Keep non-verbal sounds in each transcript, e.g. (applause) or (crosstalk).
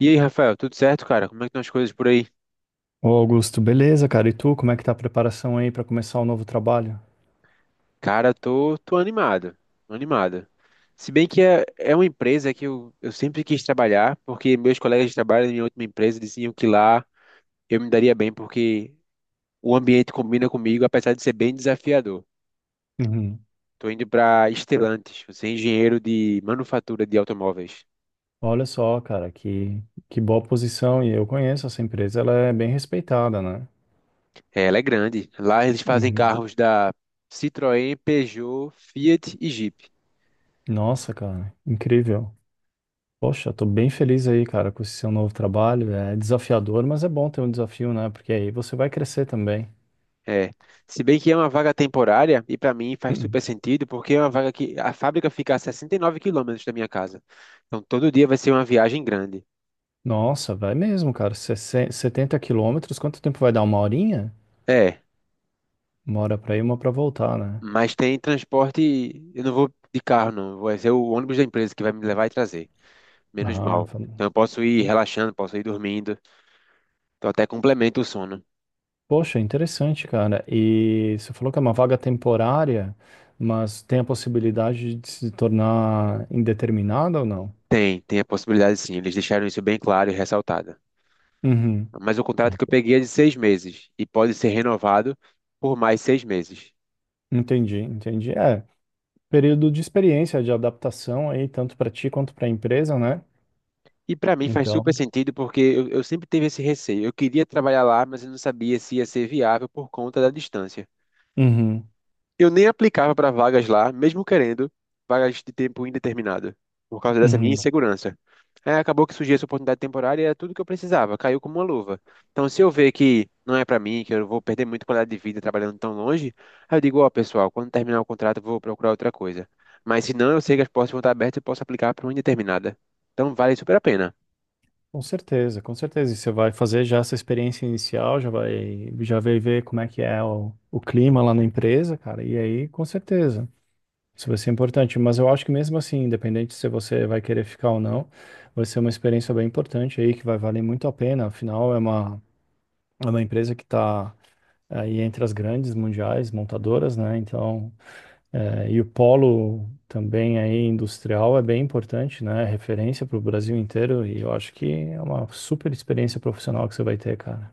E aí, Rafael, tudo certo, cara? Como é que estão as coisas por aí? Ô Augusto, beleza, cara? E tu, como é que tá a preparação aí pra começar o novo trabalho? Cara, tô animado, tô animado. Se bem que é uma empresa que eu sempre quis trabalhar, porque meus colegas de trabalho na minha última empresa diziam que lá eu me daria bem, porque o ambiente combina comigo, apesar de ser bem desafiador. Uhum. Tô indo para Stellantis, eu sou engenheiro de manufatura de automóveis. Olha só, cara, que boa posição. E eu conheço essa empresa, ela é bem respeitada, né? É, ela é grande. Lá eles fazem Uhum. carros da Citroën, Peugeot, Fiat e Jeep. Nossa, cara, incrível. Poxa, tô bem feliz aí, cara, com esse seu novo trabalho. É desafiador, mas é bom ter um desafio, né? Porque aí você vai crescer também. É, se bem que é uma vaga temporária, e para mim faz Uhum. super sentido, porque é uma vaga que a fábrica fica a 69 km da minha casa. Então todo dia vai ser uma viagem grande. Nossa, vai mesmo, cara. 60 70 quilômetros, quanto tempo vai dar? Uma horinha? É, Uma hora pra ir, uma pra voltar, né? mas tem transporte, eu não vou de carro não, vai ser o ônibus da empresa que vai me levar e trazer, menos Ah, mal. fa- Então eu posso ir relaxando, posso ir dormindo, então até complementa o sono. Poxa, interessante, cara. E você falou que é uma vaga temporária, mas tem a possibilidade de se tornar indeterminada ou não? Tem a possibilidade sim, eles deixaram isso bem claro e ressaltado. Uhum. Mas o contrato que eu peguei é de 6 meses, e pode ser renovado por mais 6 meses. Entendi, entendi. É, período de experiência, de adaptação aí, tanto para ti quanto para a empresa, né? E para mim faz super Então, sentido porque eu sempre tive esse receio. Eu queria trabalhar lá, mas eu não sabia se ia ser viável por conta da distância. uhum, Eu nem aplicava para vagas lá, mesmo querendo vagas de tempo indeterminado, por causa dessa minha uhum. insegurança. Aí acabou que surgiu essa oportunidade temporária e era tudo que eu precisava, caiu como uma luva. Então, se eu ver que não é para mim, que eu vou perder muita qualidade de vida trabalhando tão longe, aí eu digo, ó, pessoal, quando terminar o contrato, eu vou procurar outra coisa. Mas se não, eu sei que as portas vão estar abertas e eu posso aplicar para uma indeterminada. Então, vale super a pena. Com certeza, com certeza. E você vai fazer já essa experiência inicial, já vai ver como é que é o clima lá na empresa, cara. E aí, com certeza. Isso vai ser importante, mas eu acho que mesmo assim, independente se você vai querer ficar ou não, vai ser uma experiência bem importante aí, que vai valer muito a pena. Afinal, é uma empresa que está aí entre as grandes mundiais montadoras, né? Então, é, e o polo também aí industrial é bem importante, né? É referência para o Brasil inteiro, e eu acho que é uma super experiência profissional que você vai ter, cara.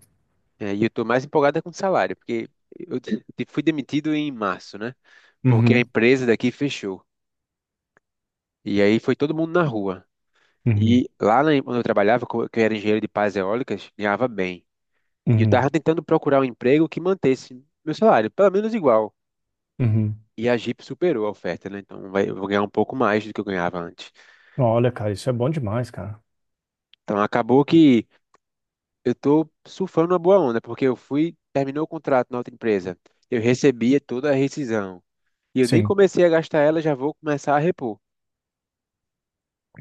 É, e eu tô mais empolgado é com o salário, porque eu fui demitido em março, né? Porque a Uhum, empresa daqui fechou. E aí foi todo mundo na rua. uhum, E lá onde eu trabalhava, que eu era engenheiro de pás eólicas, ganhava bem. E eu uhum, tava tentando procurar um emprego que mantesse meu salário, pelo menos igual. uhum. E a Jeep superou a oferta, né? Então vai, eu vou ganhar um pouco mais do que eu ganhava antes. Olha, cara, isso é bom demais, cara. Então acabou que eu tô surfando uma boa onda, porque terminou o contrato na outra empresa. Eu recebia toda a rescisão. E eu nem Sim. comecei a gastar ela, já vou começar a repor.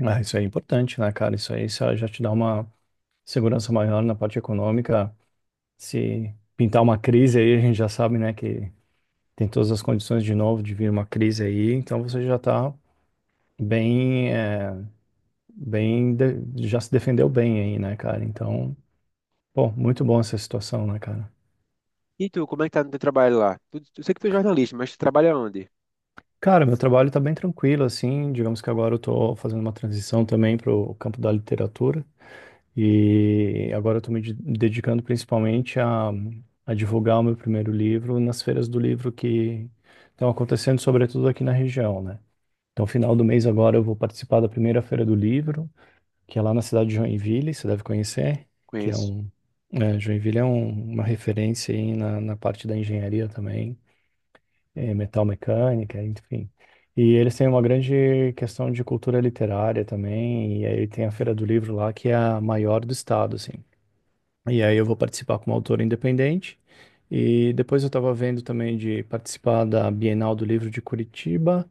Ah, isso é importante, né, cara? Isso aí só já te dá uma segurança maior na parte econômica. Se pintar uma crise aí, a gente já sabe, né, que tem todas as condições de novo de vir uma crise aí, então você já tá bem, é, bem, já se defendeu bem aí, né, cara? Então, pô, muito bom essa situação, né, cara? E tu, como é que tá no teu trabalho lá? Tu, eu sei que tu é jornalista, mas tu trabalha onde? Cara, meu trabalho tá bem tranquilo, assim, digamos que agora eu tô fazendo uma transição também pro campo da literatura. E agora eu estou me dedicando principalmente a divulgar o meu primeiro livro nas feiras do livro que estão acontecendo, sobretudo aqui na região, né? Então, final do mês agora eu vou participar da primeira feira do livro, que é lá na cidade de Joinville, você deve conhecer, que é Conheço. um é, Joinville é uma referência aí na parte da engenharia também, é, metal mecânica, enfim. E eles têm uma grande questão de cultura literária também, e aí tem a Feira do Livro lá, que é a maior do estado, assim. E aí eu vou participar como autor independente. E depois eu estava vendo também de participar da Bienal do Livro de Curitiba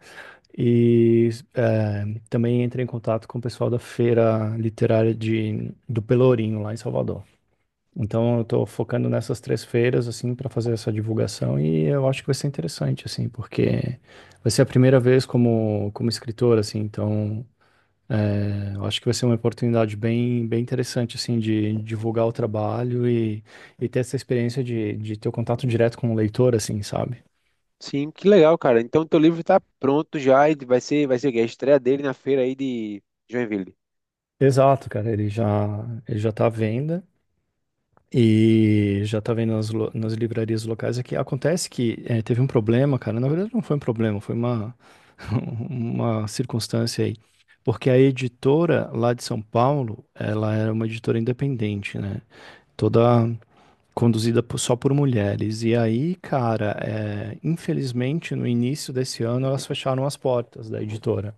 e também entrei em contato com o pessoal da Feira Literária do Pelourinho, lá em Salvador. Então eu estou focando nessas três feiras, assim, para fazer essa divulgação e eu acho que vai ser interessante, assim, porque vai ser a primeira vez como escritor, assim, então é, eu acho que vai ser uma oportunidade bem interessante, assim, de divulgar o trabalho e ter essa experiência de ter o contato direto com o leitor, assim, sabe? Sim, que legal, cara. Então teu livro tá pronto já e vai ser a estreia dele na feira aí de Joinville. Exato, cara, ele já tá à venda e já tá vendo nas, nas livrarias locais aqui. Acontece que é, teve um problema, cara, na verdade não foi um problema, (laughs) uma circunstância aí. Porque a editora lá de São Paulo, ela era uma editora independente, né? Toda conduzida só por mulheres. E aí, cara, é, infelizmente, no início desse ano, elas fecharam as portas da editora.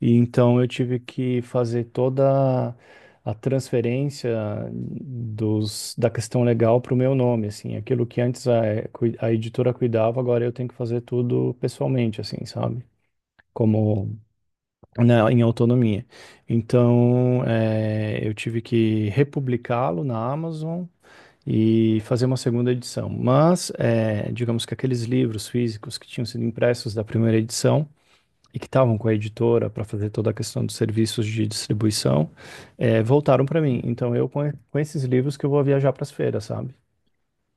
E então eu tive que fazer toda a transferência da questão legal para o meu nome, assim. Aquilo que antes a editora cuidava, agora eu tenho que fazer tudo pessoalmente, assim, sabe? Como, né, em autonomia. Então, é, eu tive que republicá-lo na Amazon, e fazer uma segunda edição. Mas, digamos que aqueles livros físicos que tinham sido impressos da primeira edição e que estavam com a editora para fazer toda a questão dos serviços de distribuição, voltaram para mim. Então, com esses livros que eu vou viajar para as feiras, sabe?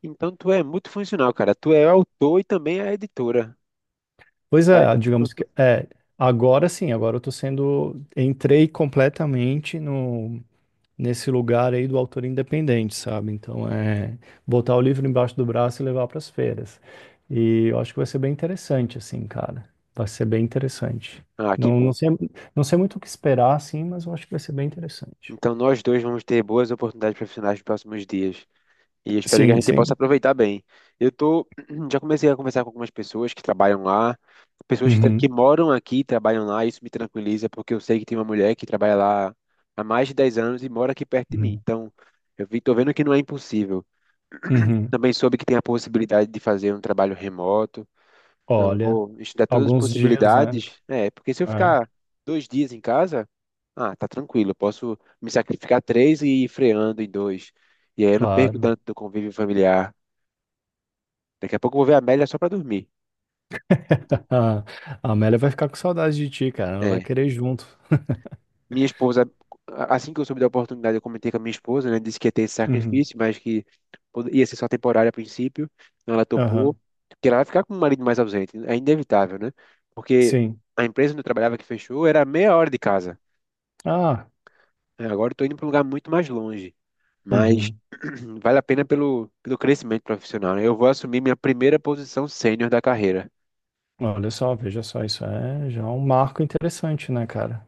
Então tu é multifuncional, cara. Tu é autor e também é editora. Pois Vai- é, agora sim, agora eu tô sendo, entrei completamente no nesse lugar aí do autor independente, sabe? Então é botar o livro embaixo do braço e levar para as feiras. E eu acho que vai ser bem interessante, assim, cara. Vai ser bem interessante. Ah, que Não, não bom. sei, não sei muito o que esperar, assim, mas eu acho que vai ser bem interessante. Então nós dois vamos ter boas oportunidades profissionais nos próximos dias. E eu espero que a Sim, gente possa sim. aproveitar bem. Eu tô, (clears throat) já comecei a conversar com algumas pessoas que trabalham lá, pessoas que que Uhum, moram aqui e trabalham lá, e isso me tranquiliza, porque eu sei que tem uma mulher que trabalha lá há mais de 10 anos e mora aqui perto de mim. uhum, Então, eu vi, tô vendo que não é impossível. uhum. Também soube que tem a possibilidade de fazer um trabalho remoto. Então, eu Olha, vou estudar todas as alguns dias, né? possibilidades. É, porque se eu É, ficar 2 dias em casa, ah, tá tranquilo, eu posso me sacrificar três e ir freando em dois. E aí eu não perco claro. tanto do convívio familiar. Daqui a pouco eu vou ver a Amélia só pra dormir. (laughs) A Amélia vai ficar com saudade de ti, cara. Ela vai É, querer ir junto. minha esposa, assim que eu soube da oportunidade, eu comentei com a minha esposa, né? Disse que ia ter esse Uhum. sacrifício, mas que ia ser só temporário a princípio. Então ela topou, Aham. porque ela vai ficar com o marido mais ausente. É inevitável, né? Porque Sim. a empresa onde eu trabalhava que fechou era a meia hora de casa. Ah. É, agora eu tô indo para um lugar muito mais longe. Mas Uhum. (clears throat) vale a pena pelo crescimento profissional, né? Eu vou assumir minha primeira posição sênior da carreira. Olha só, veja só, isso é já um marco interessante, né, cara?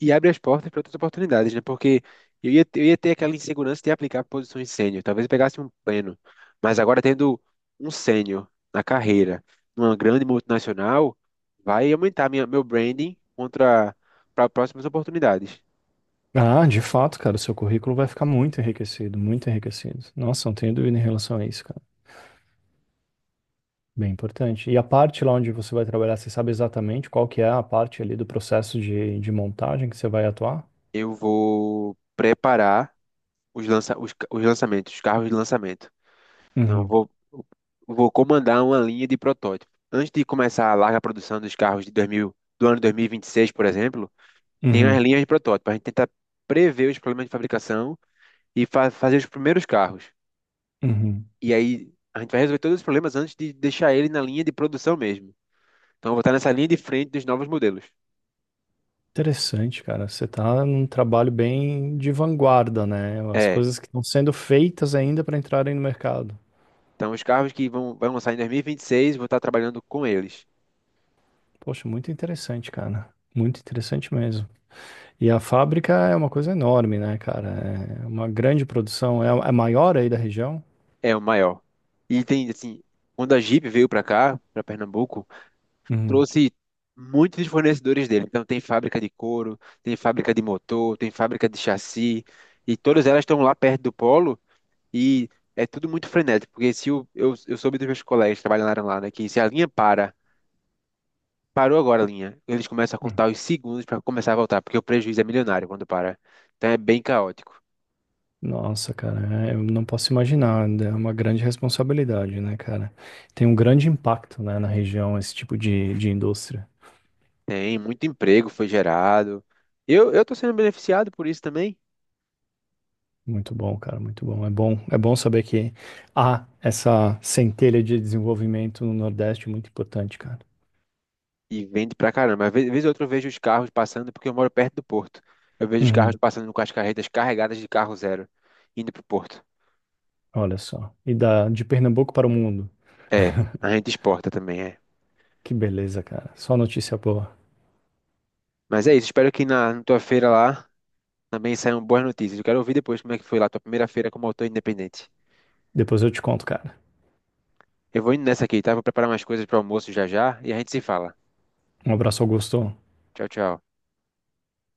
E abre as portas para outras oportunidades, né? Porque eu ia ter aquela insegurança de aplicar para posições sênior, talvez eu pegasse um pleno, mas agora tendo um sênior na carreira, numa grande multinacional, vai aumentar meu branding contra para próximas oportunidades. Ah, de fato, cara, o seu currículo vai ficar muito enriquecido, muito enriquecido. Nossa, não tenho dúvida em relação a isso, cara. Bem importante. E a parte lá onde você vai trabalhar, você sabe exatamente qual que é a parte ali do processo de montagem que você vai atuar? Eu vou preparar os lançamentos, os carros de lançamento. Então, Uhum, vou comandar uma linha de protótipo. Antes de começar a larga produção dos carros de 2000, do ano 2026, por exemplo, tem as uhum, linhas de protótipo. A gente tenta prever os problemas de fabricação e fazer os primeiros carros. uhum. E aí a gente vai resolver todos os problemas antes de deixar ele na linha de produção mesmo. Então eu vou estar nessa linha de frente dos novos modelos. Interessante, cara. Você tá num trabalho bem de vanguarda, né? As É. coisas que estão sendo feitas ainda para entrarem no mercado. Então os carros que vão lançar em 2026, vou estar trabalhando com eles. Poxa, muito interessante, cara. Muito interessante mesmo. E a fábrica é uma coisa enorme, né, cara? É uma grande produção. É a maior aí da região? É o maior. E tem assim, quando a Jeep veio para cá, para Pernambuco, Uhum. trouxe muitos dos fornecedores dele. Então tem fábrica de couro, tem fábrica de motor, tem fábrica de chassi. E todas elas estão lá perto do polo. E é tudo muito frenético, porque se o, eu soube dos meus colegas que trabalharam lá, né, que se a linha para, parou agora a linha, eles começam a Uhum. contar os segundos para começar a voltar, porque o prejuízo é milionário quando para. Então é bem caótico. Nossa, cara, é, eu não posso imaginar. É uma grande responsabilidade, né, cara? Tem um grande impacto, né, na região esse tipo de indústria. Tem muito emprego foi gerado. Eu tô sendo beneficiado por isso também. Muito bom, cara, muito bom. É bom, é bom saber que há essa centelha de desenvolvimento no Nordeste muito importante, cara. E vende pra caramba. Vez ou outra eu vejo os carros passando, porque eu moro perto do porto. Eu vejo os carros Uhum. passando com as carretas carregadas de carro zero, indo pro porto. Olha só. E de Pernambuco para o mundo. É, a gente exporta também, é. Que beleza, cara. Só notícia boa. Mas é isso, espero que na tua feira lá também saíram boas notícias. Eu quero ouvir depois como é que foi lá tua primeira feira como autor independente. Depois eu te conto, cara. Eu vou indo nessa aqui, tá? Vou preparar umas coisas para almoço já já e a gente se fala. Um abraço, Augusto. Tchau, tchau.